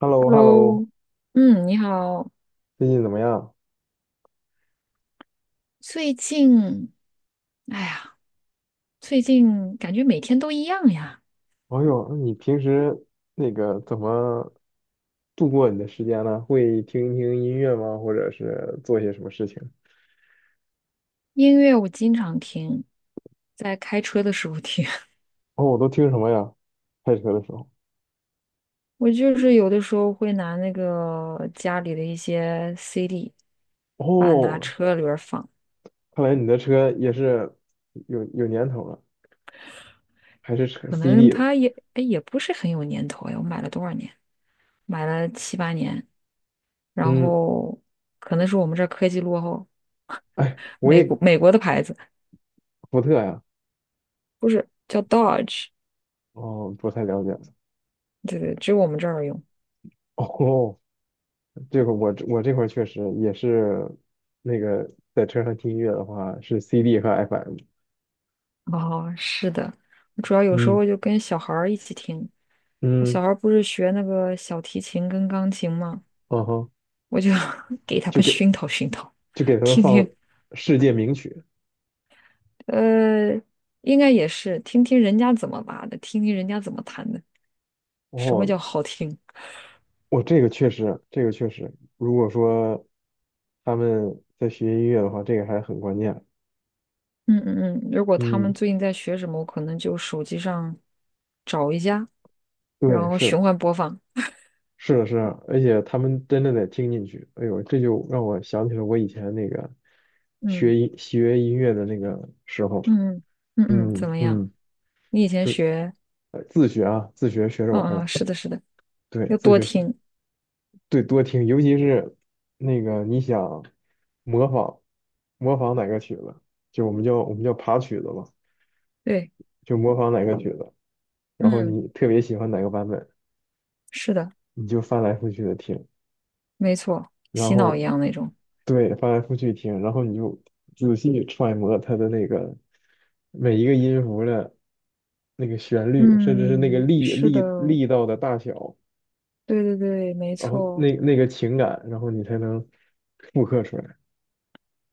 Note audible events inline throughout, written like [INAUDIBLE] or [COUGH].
h e l l o h e l l o Hello，嗯，你好。最近怎么样？最近，哎呀，最近感觉每天都一样呀。哎呦，那你平时那个怎么度过你的时间呢？会听一听音乐吗？或者是做些什么事情？音乐我经常听，在开车的时候听。哦，我都听什么呀？开车的时候。[LAUGHS] 我就是有的时候会拿那个家里的一些 CD，把拿哦，车里边儿放。看来你的车也是有年头了，还是车 可能 CD 的。它也，哎，也不是很有年头呀。我买了多少年？买了七八年。然嗯，后可能是我们这儿科技落后，[LAUGHS] 哎，我美也国美国的牌子。福特呀。不是叫 Dodge，哦，不太了解。对对，只有我们这儿用。哦，这个我这块儿确实也是那个在车上听音乐的话是 CD 和 FM。哦，是的，我主要有时嗯候就跟小孩儿一起听。我小嗯。孩儿不是学那个小提琴跟钢琴吗？嗯哼，我就 [LAUGHS] 给他就们给熏陶熏陶，就给他们听放听。世界名曲。呃，应该也是听听人家怎么拉的，听听人家怎么弹的，什么哦，叫好听？我这个确实，这个确实，如果说他们在学音乐的话，这个还很关键。嗯嗯嗯。如果他们嗯，最近在学什么，我可能就手机上找一下，然对，后是循的，环播放。是的，是的，而且他们真的得听进去。哎呦，这就让我想起了我以前那个学嗯音学音乐的那个时候。嗯嗯嗯，嗯怎么样？嗯，你以前就学，呃自学啊，自学学着嗯玩嗯，儿是的，的，是的，对，要自多学学。听，对，多听，尤其是那个你想模仿模仿哪个曲子，就我们叫爬曲子吧，对，就模仿哪个曲子，然后嗯，你特别喜欢哪个版本，是的，你就翻来覆去的听，没错，然洗脑一后样那种，对翻来覆去听，然后你就仔细揣摩它的那个每一个音符的那个旋律，甚至是那个嗯，力是的，力力道的大小，对对对，没然后错，那个情感，然后你才能复刻出来。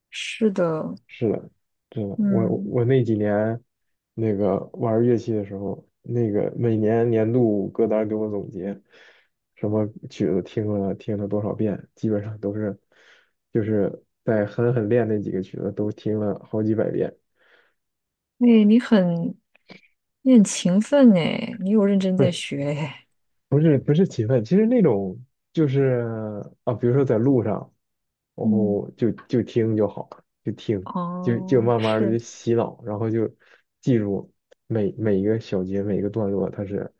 是的，是的，真的，我嗯，我那几年那个玩乐器的时候，那个每年年度歌单给我总结，什么曲子听了多少遍，基本上都是就是在狠狠练那几个曲子都听了好几百遍。哎，你很勤奋哎，你有认真在学哎，不是勤奋，其实那种就是啊，比如说在路上，然嗯，后就听就好，就听就哦，慢慢的就是，洗脑，然后就记住每一个小节每一个段落它是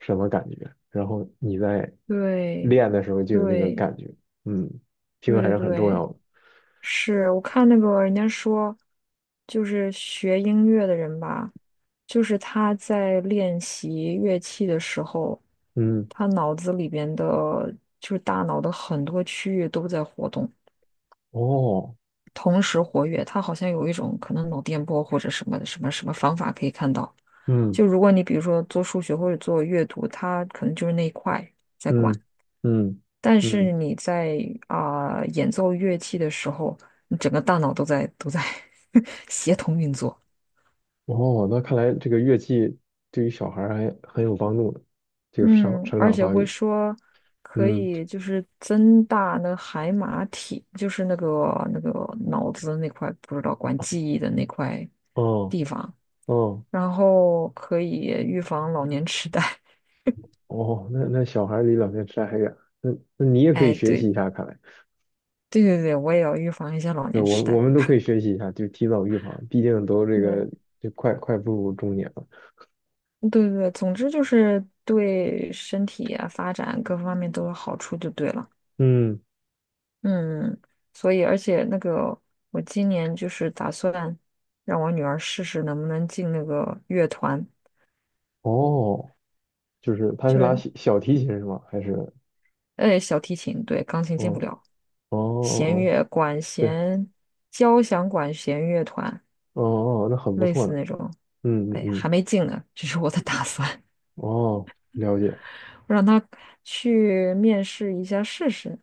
什么感觉，然后你在对练的时候就有那个对感觉，嗯，听对还对是很重要对，的，是我看那个人家说，就是学音乐的人吧，就是他在练习乐器的时候，嗯，他脑子里边的，就是大脑的很多区域都在活动，哦，同时活跃。他好像有一种可能脑电波或者什么什么什么方法可以看到。嗯就如果你比如说做数学或者做阅读，他可能就是那一块在管。嗯嗯但是嗯你在啊、演奏乐器的时候，你整个大脑都在 [LAUGHS] 协同运作。哦，那看来这个乐器对于小孩儿还很有帮助呢，就个嗯，生而长且发会育。说可嗯，以就是增大那个海马体，就是那个那个脑子那块不知道管记忆的那块哦，地方，哦，然后可以预防老年痴呆。[LAUGHS] 哦，那那小孩儿离老年痴呆还远，那那你也可以哎，学习对一下，看来，对对对，我也要预防一下老对，年我痴们我呆。们都可以学习一下，就提早预防，毕竟都这个嗯。就快步入中年了。对对对，总之就是对身体啊、发展各方面都有好处就对了。嗯，嗯，所以而且那个我今年就是打算让我女儿试试能不能进那个乐团，哦，就是他是就拉是小提琴是吗？还是？小提琴，对，钢琴进不哦，了，哦哦弦哦，乐管对，弦交响管弦乐团哦哦，那很不类错似呢。那种。嗯嗯哎，还嗯，没进呢，这是我的 [LAUGHS] 打算，哦，了解。[LAUGHS] 我让她去面试一下试试。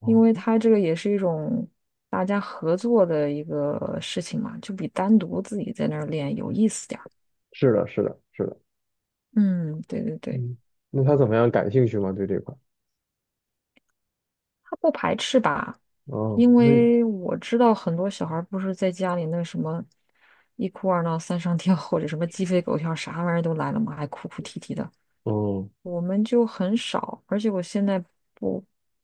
哦，因为它这个也是一种大家合作的一个事情嘛，就比单独自己在那儿练有意思点儿。是的，是的，是的。嗯，对对对，嗯，那他怎么样？感兴趣吗？对这块？他不排斥吧？哦，因那为我知道很多小孩儿不是在家里那个什么一哭二闹三上吊，或者什么鸡飞狗跳，啥玩意儿都来了嘛，还哭哭啼啼的。哦我们就很少，而且我现在不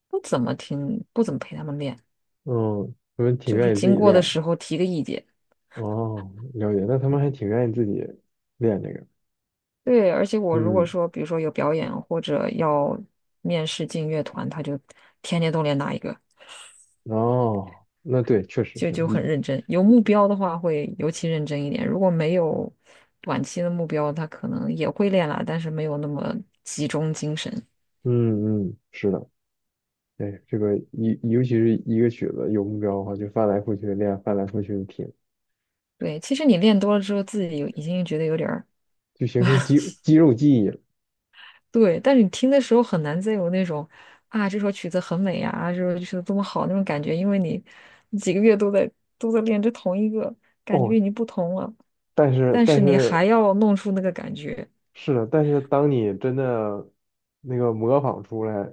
不怎么听，不怎么陪他们练，哦，他们挺就是愿意自经己过的练的。时候提个意见。哦，了解。那他们还挺愿意自己练这个。对，而且我如果嗯，说，比如说有表演或者要面试进乐团，他就天天都练哪一个，哦，那对，确实就是就很一认真。有目标的话会尤其认真一点，如果没有短期的目标，他可能也会练啦，但是没有那么集中精神。嗯嗯，是的。对，这个一尤其是一个曲子有目标的话，就翻来覆去地练，翻来覆去地听，对，其实你练多了之后，自己有已经觉得有点儿就形成肌肉记忆了。对，但是你听的时候很难再有那种啊，这首曲子很美呀，啊这首曲子多么好那种感觉，因为你几个月都在练这同一个，感哦，觉已经不同了，但是但但是你是还要弄出那个感觉，是的，但是当你真的那个模仿出来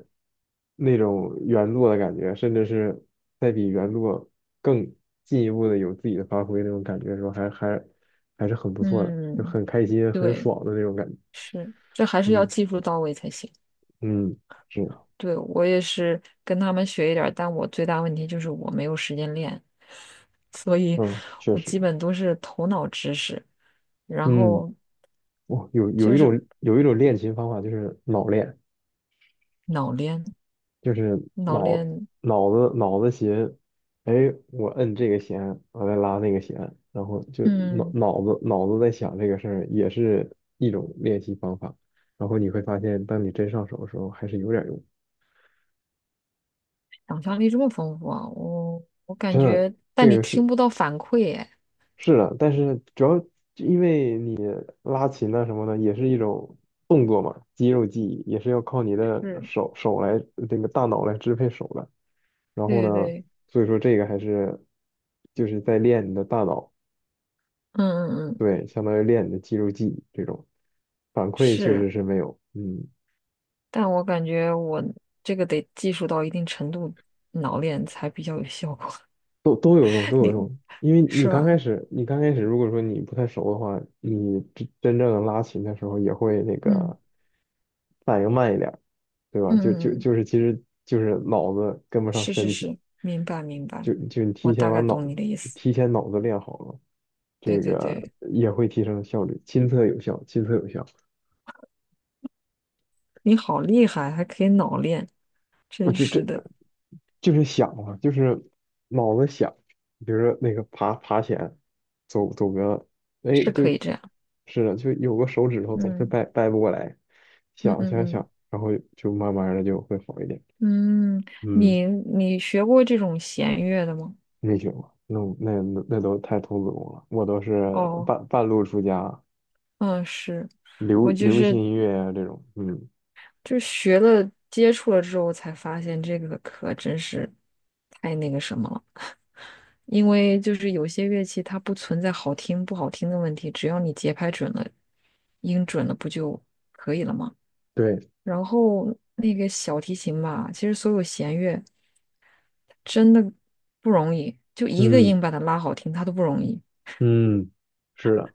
那种原作的感觉，甚至是再比原作更进一步的有自己的发挥那种感觉的时候，还是很不错的，就嗯，很开心、很对，爽的那种感觉。是，这还是要嗯技术到位才行。嗯，是的，对，我也是跟他们学一点儿，但我最大问题就是我没有时间练，所以嗯，确我实，基本都是头脑知识，然嗯，后哇，有有就一是种有一种练琴方法就是脑练。脑练，就是脑脑练。脑子弦，哎，我摁这个弦，我再拉那个弦，然后就脑嗯，脑子脑子在想这个事儿，也是一种练习方法。然后你会发现，当你真上手的时候，还是有点用。想象力这么丰富啊，我感真的，觉，但这你个是听不到反馈，哎，是的，但是主要因为拉琴啊什么的，也是一种动作嘛，肌肉记忆也是要靠你的是，手来这个大脑来支配手的。然后对呢，对，所以说这个还是就是在练你的大脑。嗯嗯嗯，对，相当于练你的肌肉记忆这种反馈确是，实是没有，嗯，但我感觉我这个得技术到一定程度，脑练才比较有效果，都有用，都 [LAUGHS] 有你用。因为是吧？你刚开始如果说你不太熟的话，你真正拉琴的时候也会那个嗯反应慢一点儿，对吧？就就嗯嗯，嗯就是其实就是脑子跟不上是是身体，是，明白明白，就你提我前大把概脑懂你的意思。提前脑子练好了，这对对个对，也会提升效率，亲测有效，亲测有效。你好厉害，还可以脑练，我真就是这的，就是想啊，就是脑子想，比如说那个爬来，走个，哎，是就可以这样。是的，就有个手指头总是嗯掰不过来，嗯想嗯想嗯。想，然后就慢慢的就会好一点。嗯，嗯，你学过这种弦乐的吗？没学过，那我那都太童子功了，我都是哦，半路出家，嗯，是我就流行是音乐呀、这种。嗯，就学了接触了之后才发现这个可真是太那个什么了，因为就是有些乐器它不存在好听不好听的问题，只要你节拍准了，音准了不就可以了吗？对，然后那个小提琴吧，其实所有弦乐真的不容易，就一个嗯音把它拉好听，它都不容易。嗯，是的，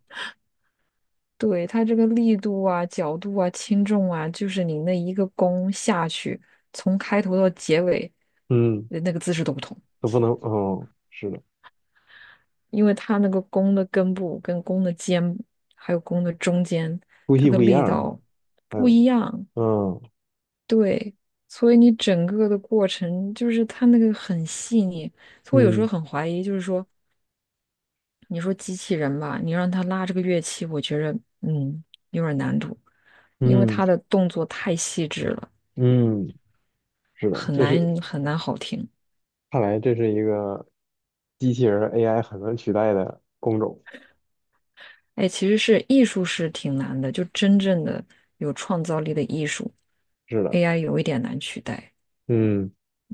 对，它这个力度啊、角度啊、轻重啊，就是你那一个弓下去，从开头到结尾，嗯，那个姿势都不同，都不能，哦，是的，因为它那个弓的根部、跟弓的尖，还有弓的中间，呼它吸的不一力样是吧？道还不有。一样。嗯对，所以你整个的过程就是它那个很细腻，所以我有时候嗯很怀疑，就是说，你说机器人吧，你让它拉这个乐器，我觉得嗯有点难度，因为嗯它的动作太细致了。嗯，是的，很难很难好听。看来这是一个机器人 AI 很难取代的工种。哎，其实是艺术是挺难的，就真正的有创造力的艺术是的，，AI 有一点难取代。嗯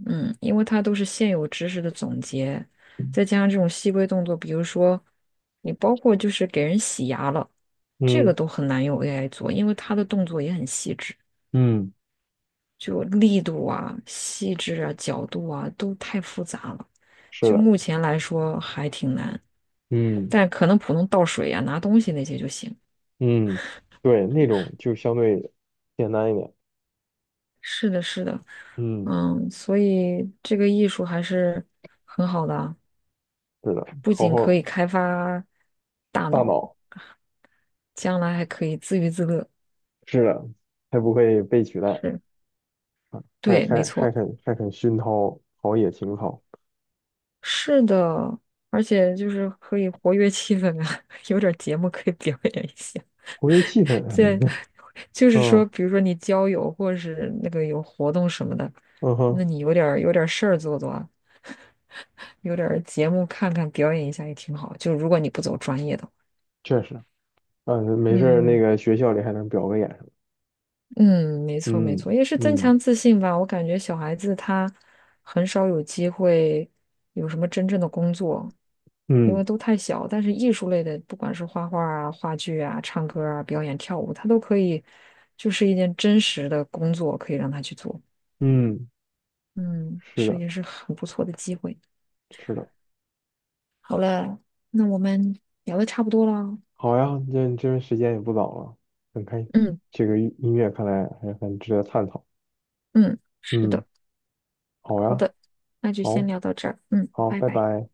嗯，因为它都是现有知识的总结，再加上这种细微动作，比如说你包括就是给人洗牙了，这个嗯都很难用 AI 做，因为它的动作也很细致。嗯，就力度啊、细致啊、角度啊都太复杂了，是就的，目前来说还挺难。嗯但可能普通倒水啊、拿东西那些就行。嗯，对，那种就相对简单一点。是的，是的，嗯，嗯，所以这个艺术还是很好的啊，是的，不好仅可好以开发大大脑，脑，将来还可以自娱自乐。是的，还不会被取代，是，还对，没还还错，肯还肯熏陶陶冶情操，是的，而且就是可以活跃气氛啊，[LAUGHS] 有点节目可以表演一下。活跃气氛。嗯在 [LAUGHS] 就是说，嗯比如说你交友或者是那个有活动什么的，嗯那哼，你有点儿事儿做做啊，有点儿节目看看，表演一下也挺好。就如果你不走专业的确实，嗯，没事儿，那嗯个学校里还能表个演。嗯，没错没嗯错，也是增嗯强自信吧。我感觉小孩子他很少有机会有什么真正的工作，因嗯为都太小。但是艺术类的，不管是画画啊、话剧啊、唱歌啊、表演、跳舞，他都可以，就是一件真实的工作，可以让他去做。嗯，嗯，是是的，也是很不错的机会。是的。嗯，那我们聊的差不多了哦。好呀，这边时间也不早了，很开，嗯这个音乐看来还很值得探讨。嗯，是嗯，的，好好呀，的，那就先好，聊到这儿。嗯，好，拜拜拜。拜。